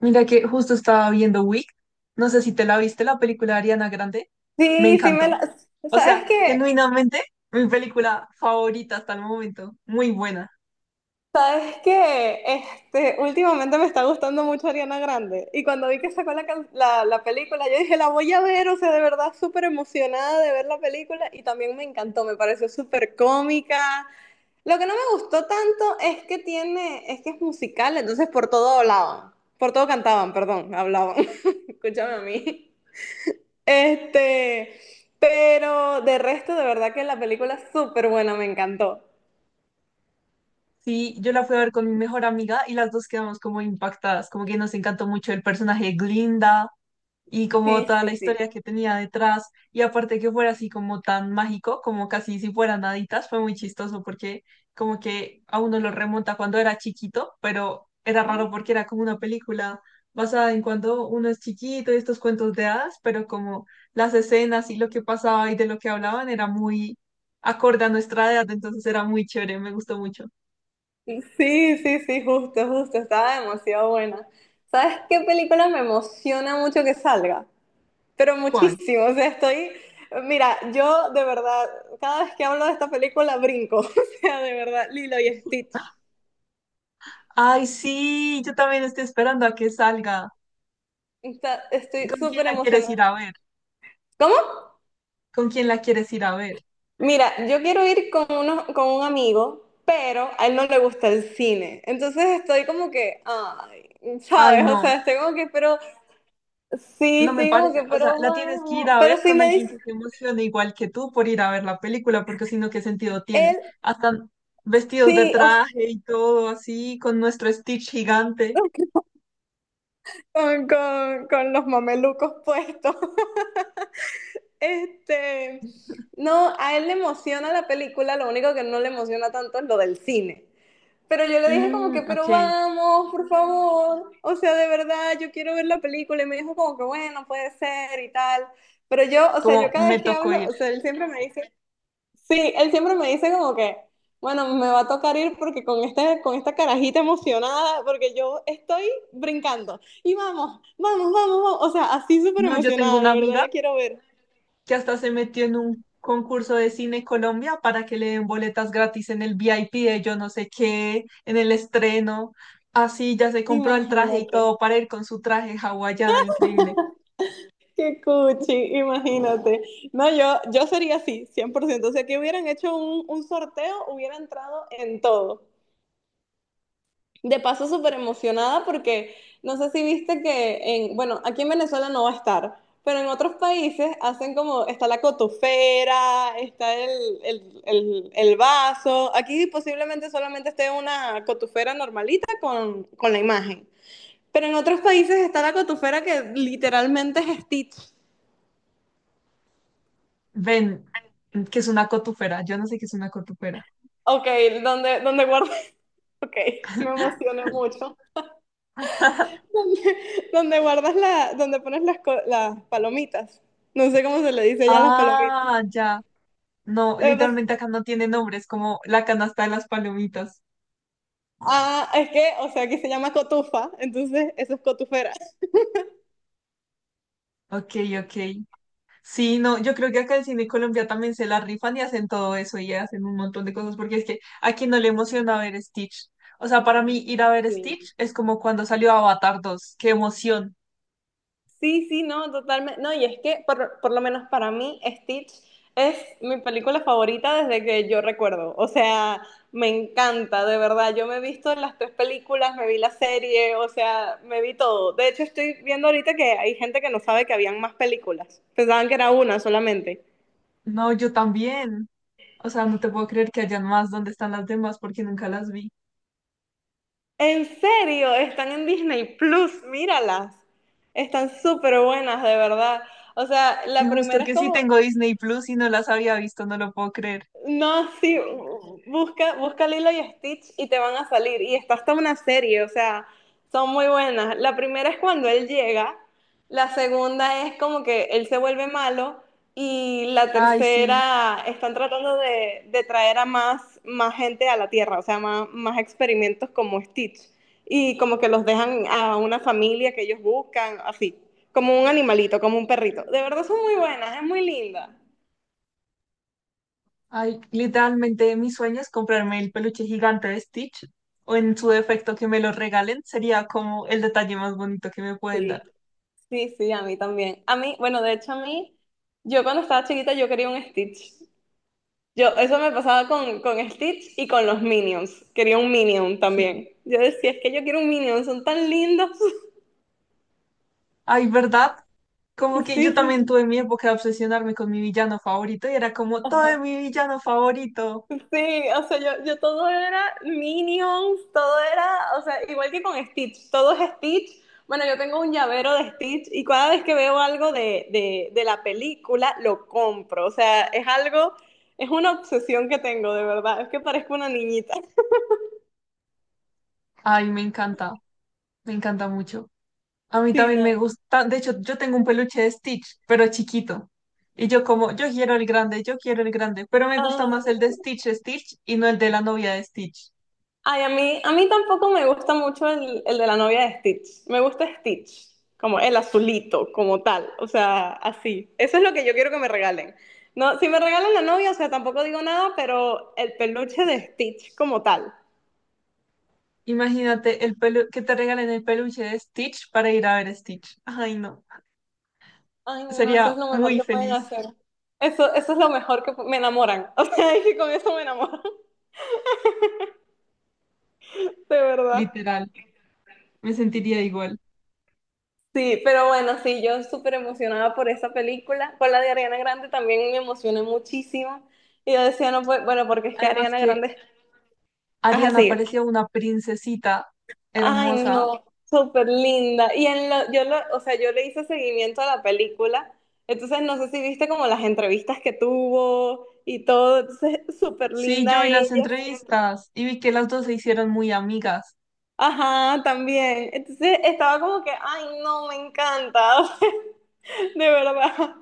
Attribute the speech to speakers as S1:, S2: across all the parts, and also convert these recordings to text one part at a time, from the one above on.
S1: Mira que justo estaba viendo Wick, no sé si te la viste, la película de Ariana Grande, me
S2: Sí, sí me
S1: encantó.
S2: la...
S1: O
S2: ¿Sabes
S1: sea,
S2: qué?
S1: genuinamente, mi película favorita hasta el momento, muy buena.
S2: ¿Sabes qué? Últimamente me está gustando mucho Ariana Grande. Y cuando vi que sacó la película, yo dije, la voy a ver, o sea, de verdad súper emocionada de ver la película. Y también me encantó, me pareció súper cómica. Lo que no me gustó tanto es que tiene, es que es musical, entonces por todo hablaban, por todo cantaban, perdón, hablaban. Escúchame a mí. Este, pero de resto, de verdad que la película es súper buena, me encantó.
S1: Sí, yo la fui a ver con mi mejor amiga y las dos quedamos como impactadas, como que nos encantó mucho el personaje de Glinda, y como
S2: Sí,
S1: toda
S2: sí,
S1: la
S2: sí.
S1: historia que tenía detrás, y aparte que fuera así como tan mágico, como casi si fueran haditas, fue muy chistoso porque como que a uno lo remonta cuando era chiquito, pero era raro porque era como una película basada en cuando uno es chiquito y estos cuentos de hadas, pero como las escenas y lo que pasaba y de lo que hablaban era muy acorde a nuestra edad, entonces era muy chévere, me gustó mucho.
S2: Sí, sí, sí, justo, justo. Estaba demasiado buena. ¿Sabes qué película me emociona mucho que salga? Pero
S1: ¿Cuál?
S2: muchísimo. O sea, estoy. Mira, yo de verdad, cada vez que hablo de esta película brinco. O sea, de verdad, Lilo y Stitch.
S1: Ay, sí, yo también estoy esperando a que salga. ¿Y
S2: Estoy
S1: con quién
S2: súper
S1: la quieres ir
S2: emocionada.
S1: a ver?
S2: ¿Cómo?
S1: ¿Con quién la quieres ir a ver?
S2: Mira, yo quiero ir con, uno, con un amigo, pero a él no le gusta el cine. Entonces estoy como que, ay,
S1: Ay,
S2: ¿sabes? O
S1: no,
S2: sea, estoy como que, pero.
S1: no
S2: Sí,
S1: me
S2: sí, como
S1: parece.
S2: que,
S1: O sea,
S2: pero
S1: la tienes que ir
S2: vamos.
S1: a
S2: Pero
S1: ver
S2: si
S1: con
S2: me
S1: alguien
S2: dice
S1: que se emocione igual que tú por ir a ver la película, porque si no, ¿qué sentido tiene?
S2: él,
S1: Hasta vestidos de
S2: sí, o sea,
S1: traje y todo así, con nuestro Stitch gigante.
S2: con los mamelucos puestos. Este, no, a él le emociona la película, lo único que no le emociona tanto es lo del cine. Pero yo le dije como que,
S1: Mm,
S2: pero
S1: ok,
S2: vamos, por favor. O sea, de verdad, yo quiero ver la película. Y me dijo como que, bueno, puede ser y tal. Pero yo, o sea, yo
S1: como
S2: cada
S1: me
S2: vez que
S1: tocó
S2: hablo,
S1: ir.
S2: o sea, él siempre me dice, sí, él siempre me dice como que, bueno, me va a tocar ir porque con este, con esta carajita emocionada, porque yo estoy brincando. Y vamos, vamos, vamos, vamos. O sea, así súper
S1: No, yo tengo
S2: emocionada,
S1: una
S2: de verdad la
S1: amiga.
S2: quiero ver.
S1: que hasta se metió en un concurso de Cine Colombia para que le den boletas gratis en el VIP de yo no sé qué, en el estreno. Así ya se compró el traje y
S2: Imagínate.
S1: todo para ir con su traje hawaiana, increíble.
S2: Qué cuchi, imagínate. No, yo sería así, 100%. O sea, que hubieran hecho un sorteo, hubiera entrado en todo. De paso, súper emocionada porque no sé si viste que en, bueno, aquí en Venezuela no va a estar, pero en otros países hacen como, está la cotufera, está el vaso. Aquí posiblemente solamente esté una cotufera normalita con la imagen. Pero en otros países está la cotufera que literalmente es Stitch.
S1: Ven, que es una cotufera, yo no sé qué es una cotufera.
S2: Ok, donde, donde guardo. Ok, me emocioné mucho. Donde guardas la, donde pones las palomitas. No sé cómo se le dice ya a las palomitas.
S1: Ah, ya. No,
S2: Lo que pasa-
S1: literalmente acá no tiene nombre, es como la canasta de las palomitas.
S2: ah, es que, o sea, aquí se llama cotufa, entonces eso es cotufera.
S1: Ok, ok. Sí, no, yo creo que acá en Cine Colombia también se la rifan y hacen todo eso y hacen un montón de cosas porque es que aquí no le emociona ver Stitch. O sea, para mí ir a ver
S2: Sí,
S1: Stitch es como cuando salió Avatar dos, qué emoción.
S2: sí, sí, no, totalmente. No, y es que por lo menos para mí Stitch es mi película favorita desde que yo recuerdo. O sea, me encanta, de verdad. Yo me he visto las tres películas, me vi la serie, o sea, me vi todo. De hecho, estoy viendo ahorita que hay gente que no sabe que habían más películas. Pensaban que era una solamente.
S1: No, yo también. O sea, no te puedo creer que hayan más. ¿Dónde están las demás porque nunca las vi.
S2: En serio, están en Disney Plus, míralas. Están súper buenas, de verdad. O sea,
S1: Y
S2: la
S1: justo
S2: primera es
S1: que sí
S2: como
S1: tengo Disney Plus y no las había visto, no lo puedo creer.
S2: no, sí, busca Lilo y Stitch y te van a salir. Y está hasta una serie, o sea, son muy buenas. La primera es cuando él llega, la segunda es como que él se vuelve malo y la
S1: Ay, sí.
S2: tercera están tratando de traer a más gente a la Tierra, o sea, más experimentos como Stitch. Y como que los dejan a una familia que ellos buscan, así, como un animalito, como un perrito. De verdad son muy buenas, es muy linda.
S1: Ay, literalmente mi sueño es comprarme el peluche gigante de Stitch o en su defecto que me lo regalen. Sería como el detalle más bonito que me pueden dar.
S2: Sí, sí, a mí también. A mí, bueno, de hecho a mí, yo cuando estaba chiquita yo quería un Stitch. Yo, eso me pasaba con Stitch y con los Minions. Quería un Minion
S1: Sí.
S2: también. Yo decía, es que yo quiero un Minion, son tan lindos.
S1: Ay, ¿verdad? Como
S2: Sí,
S1: que yo
S2: sí, sí.
S1: también tuve mi época de obsesionarme con mi villano favorito y era como todo
S2: Ajá.
S1: de mi villano favorito.
S2: Sí, o sea, yo todo era Minions, todo era, o sea, igual que con Stitch, todo es Stitch. Bueno, yo tengo un llavero de Stitch y cada vez que veo algo de la película, lo compro. O sea, es algo, es una obsesión que tengo, de verdad. Es que parezco una niñita.
S1: Ay, me encanta mucho. A mí
S2: Sí,
S1: también me gusta, de hecho, yo tengo un peluche de Stitch, pero chiquito. Y yo como, yo quiero el grande, yo quiero el grande, pero me gusta más el
S2: no.
S1: de Stitch y no el de la novia de Stitch.
S2: Ay, a mí tampoco me gusta mucho el de la novia de Stitch. Me gusta Stitch, como el azulito, como tal. O sea, así. Eso es lo que yo quiero que me regalen. No, si me regalan la novia, o sea, tampoco digo nada, pero el peluche de Stitch como tal.
S1: Imagínate el pelu que te regalen el peluche de Stitch para ir a ver Stitch. Ay, no.
S2: Ay, no, eso
S1: Sería
S2: es lo mejor
S1: muy
S2: que pueden
S1: feliz,
S2: hacer. Eso es lo mejor que me enamoran. O sea, es que con eso me enamoran, de verdad.
S1: literal. Me sentiría igual.
S2: Sí, pero bueno, sí, yo súper emocionada por esa película. Con la de Ariana Grande también me emocioné muchísimo. Y yo decía, no, pues, bueno, porque es que
S1: Además
S2: Ariana
S1: que
S2: Grande es
S1: Ariana
S2: así.
S1: parecía una princesita
S2: Ay,
S1: hermosa.
S2: no, súper linda. Y en lo, yo lo, o sea, yo le hice seguimiento a la película. Entonces, no sé si viste como las entrevistas que tuvo y todo. Entonces, súper
S1: Sí, yo
S2: linda
S1: vi las
S2: ella siempre.
S1: entrevistas y vi que las dos se hicieron muy amigas.
S2: Ajá, también. Entonces, estaba como que, ay, no, me encanta, de verdad.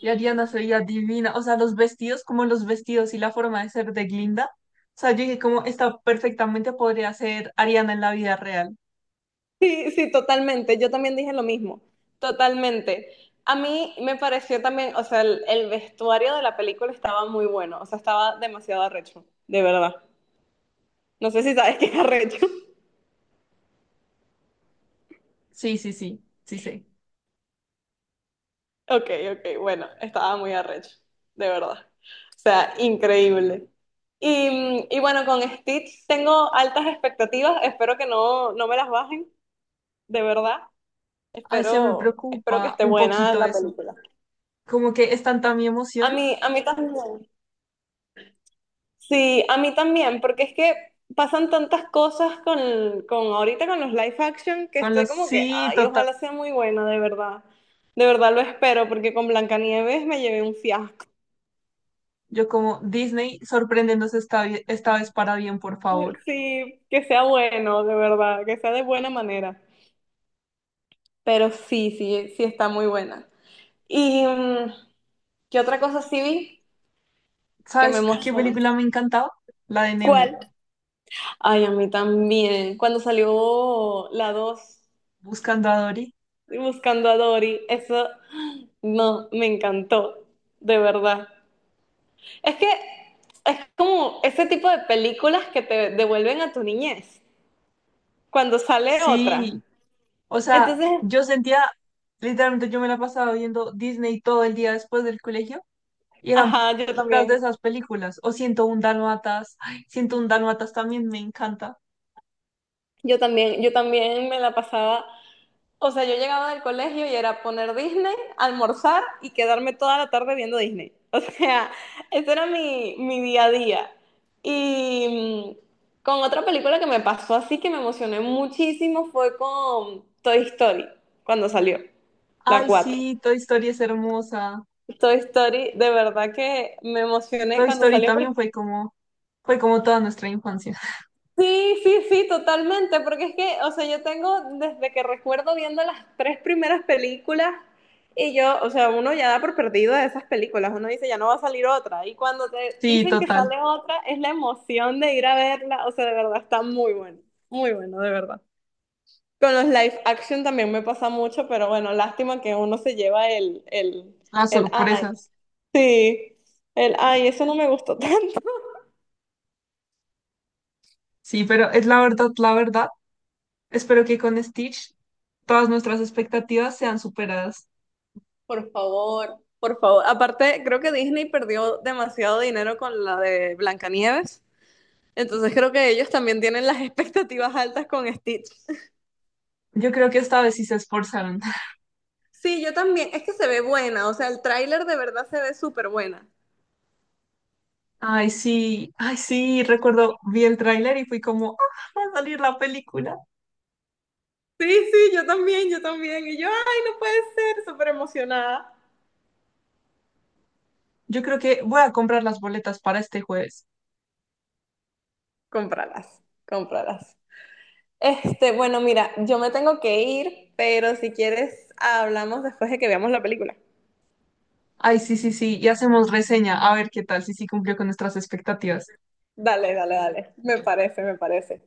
S1: Y Ariana se veía divina. O sea, los vestidos, como los vestidos y la forma de ser de Glinda. O sea, yo dije, como esta perfectamente podría ser Ariana en la vida real.
S2: Sí, sí, totalmente. Yo también dije lo mismo, totalmente. A mí me pareció también, o sea, el vestuario de la película estaba muy bueno, o sea, estaba demasiado arrecho, de verdad. No sé si sabes qué es arrecho.
S1: Sí, sí, sí, sí, sí.
S2: Ok, ok, bueno, estaba muy arrecho, de verdad. O sea, increíble. Y, y bueno, con Stitch tengo altas expectativas, espero que no, no me las bajen, de verdad.
S1: Ay, se me
S2: Espero, espero que
S1: preocupa
S2: esté
S1: un
S2: buena
S1: poquito
S2: la
S1: eso.
S2: película.
S1: Como que es tanta mi emoción
S2: A mí también. Sí, a mí también, porque es que pasan tantas cosas con ahorita con los live action que
S1: con
S2: estoy
S1: los
S2: como que,
S1: sí,
S2: ay, ojalá sea muy buena, de verdad. De verdad lo espero, porque con Blancanieves me llevé un fiasco.
S1: yo como Disney, sorpréndenos esta vez para bien, por favor.
S2: Sí, que sea bueno, de verdad, que sea de buena manera. Pero sí, sí, sí está muy buena. ¿Y qué otra cosa sí vi que me
S1: ¿Sabes qué
S2: emocionó?
S1: película me encantaba? La de Nemo,
S2: ¿Cuál? Ay, a mí también. Cuando salió la 2
S1: Buscando a Dory.
S2: buscando a Dory, eso. No, me encantó, de verdad. Es que es como ese tipo de películas que te devuelven a tu niñez cuando sale otra.
S1: Sí, o sea,
S2: Entonces,
S1: yo sentía, literalmente yo me la pasaba viendo Disney todo el día después del colegio y eran
S2: ajá,
S1: puras de esas películas. O 101 Dálmatas, ay, 101 Dálmatas también me encanta.
S2: yo también me la pasaba. O sea, yo llegaba del colegio y era poner Disney, almorzar y quedarme toda la tarde viendo Disney. O sea, ese era mi, mi día a día. Y con otra película que me pasó así que me emocioné muchísimo fue con Toy Story, cuando salió, la
S1: Ay,
S2: 4.
S1: sí, Toy Story es hermosa.
S2: Toy Story, de verdad que me emocioné
S1: Toy
S2: cuando
S1: Story
S2: salió
S1: también
S2: porque
S1: fue como toda nuestra infancia.
S2: sí, sí, sí, totalmente, porque es que, o sea, yo tengo desde que recuerdo viendo las tres primeras películas y yo, o sea, uno ya da por perdido de esas películas, uno dice ya no va a salir otra y cuando te
S1: Sí,
S2: dicen que
S1: total.
S2: sale otra es la emoción de ir a verla, o sea, de verdad está muy bueno, muy bueno, de verdad. Con los live action también me pasa mucho, pero bueno, lástima que uno se lleva
S1: Las
S2: ay,
S1: sorpresas.
S2: sí, el, ay, eso no me gustó tanto.
S1: Sí, pero es la verdad, la verdad. Espero que con Stitch todas nuestras expectativas sean superadas.
S2: Por favor, por favor. Aparte, creo que Disney perdió demasiado dinero con la de Blancanieves. Entonces creo que ellos también tienen las expectativas altas con Stitch.
S1: Yo creo que esta vez sí se esforzaron.
S2: Sí, yo también. Es que se ve buena. O sea, el tráiler de verdad se ve súper buena.
S1: Ay, sí, recuerdo, vi el tráiler y fui como, ah, va a salir la película.
S2: Sí, sí, yo también, yo también. Y yo, ay, no puede ser, súper emocionada.
S1: Yo creo que voy a comprar las boletas para este jueves.
S2: Cómpralas, cómpralas. Bueno, mira, yo me tengo que ir, pero si quieres, hablamos después de que veamos la película.
S1: Ay, sí, sí, sí, y hacemos reseña, a ver qué tal, si sí cumplió con nuestras expectativas.
S2: Dale, dale, dale. Me parece, me parece.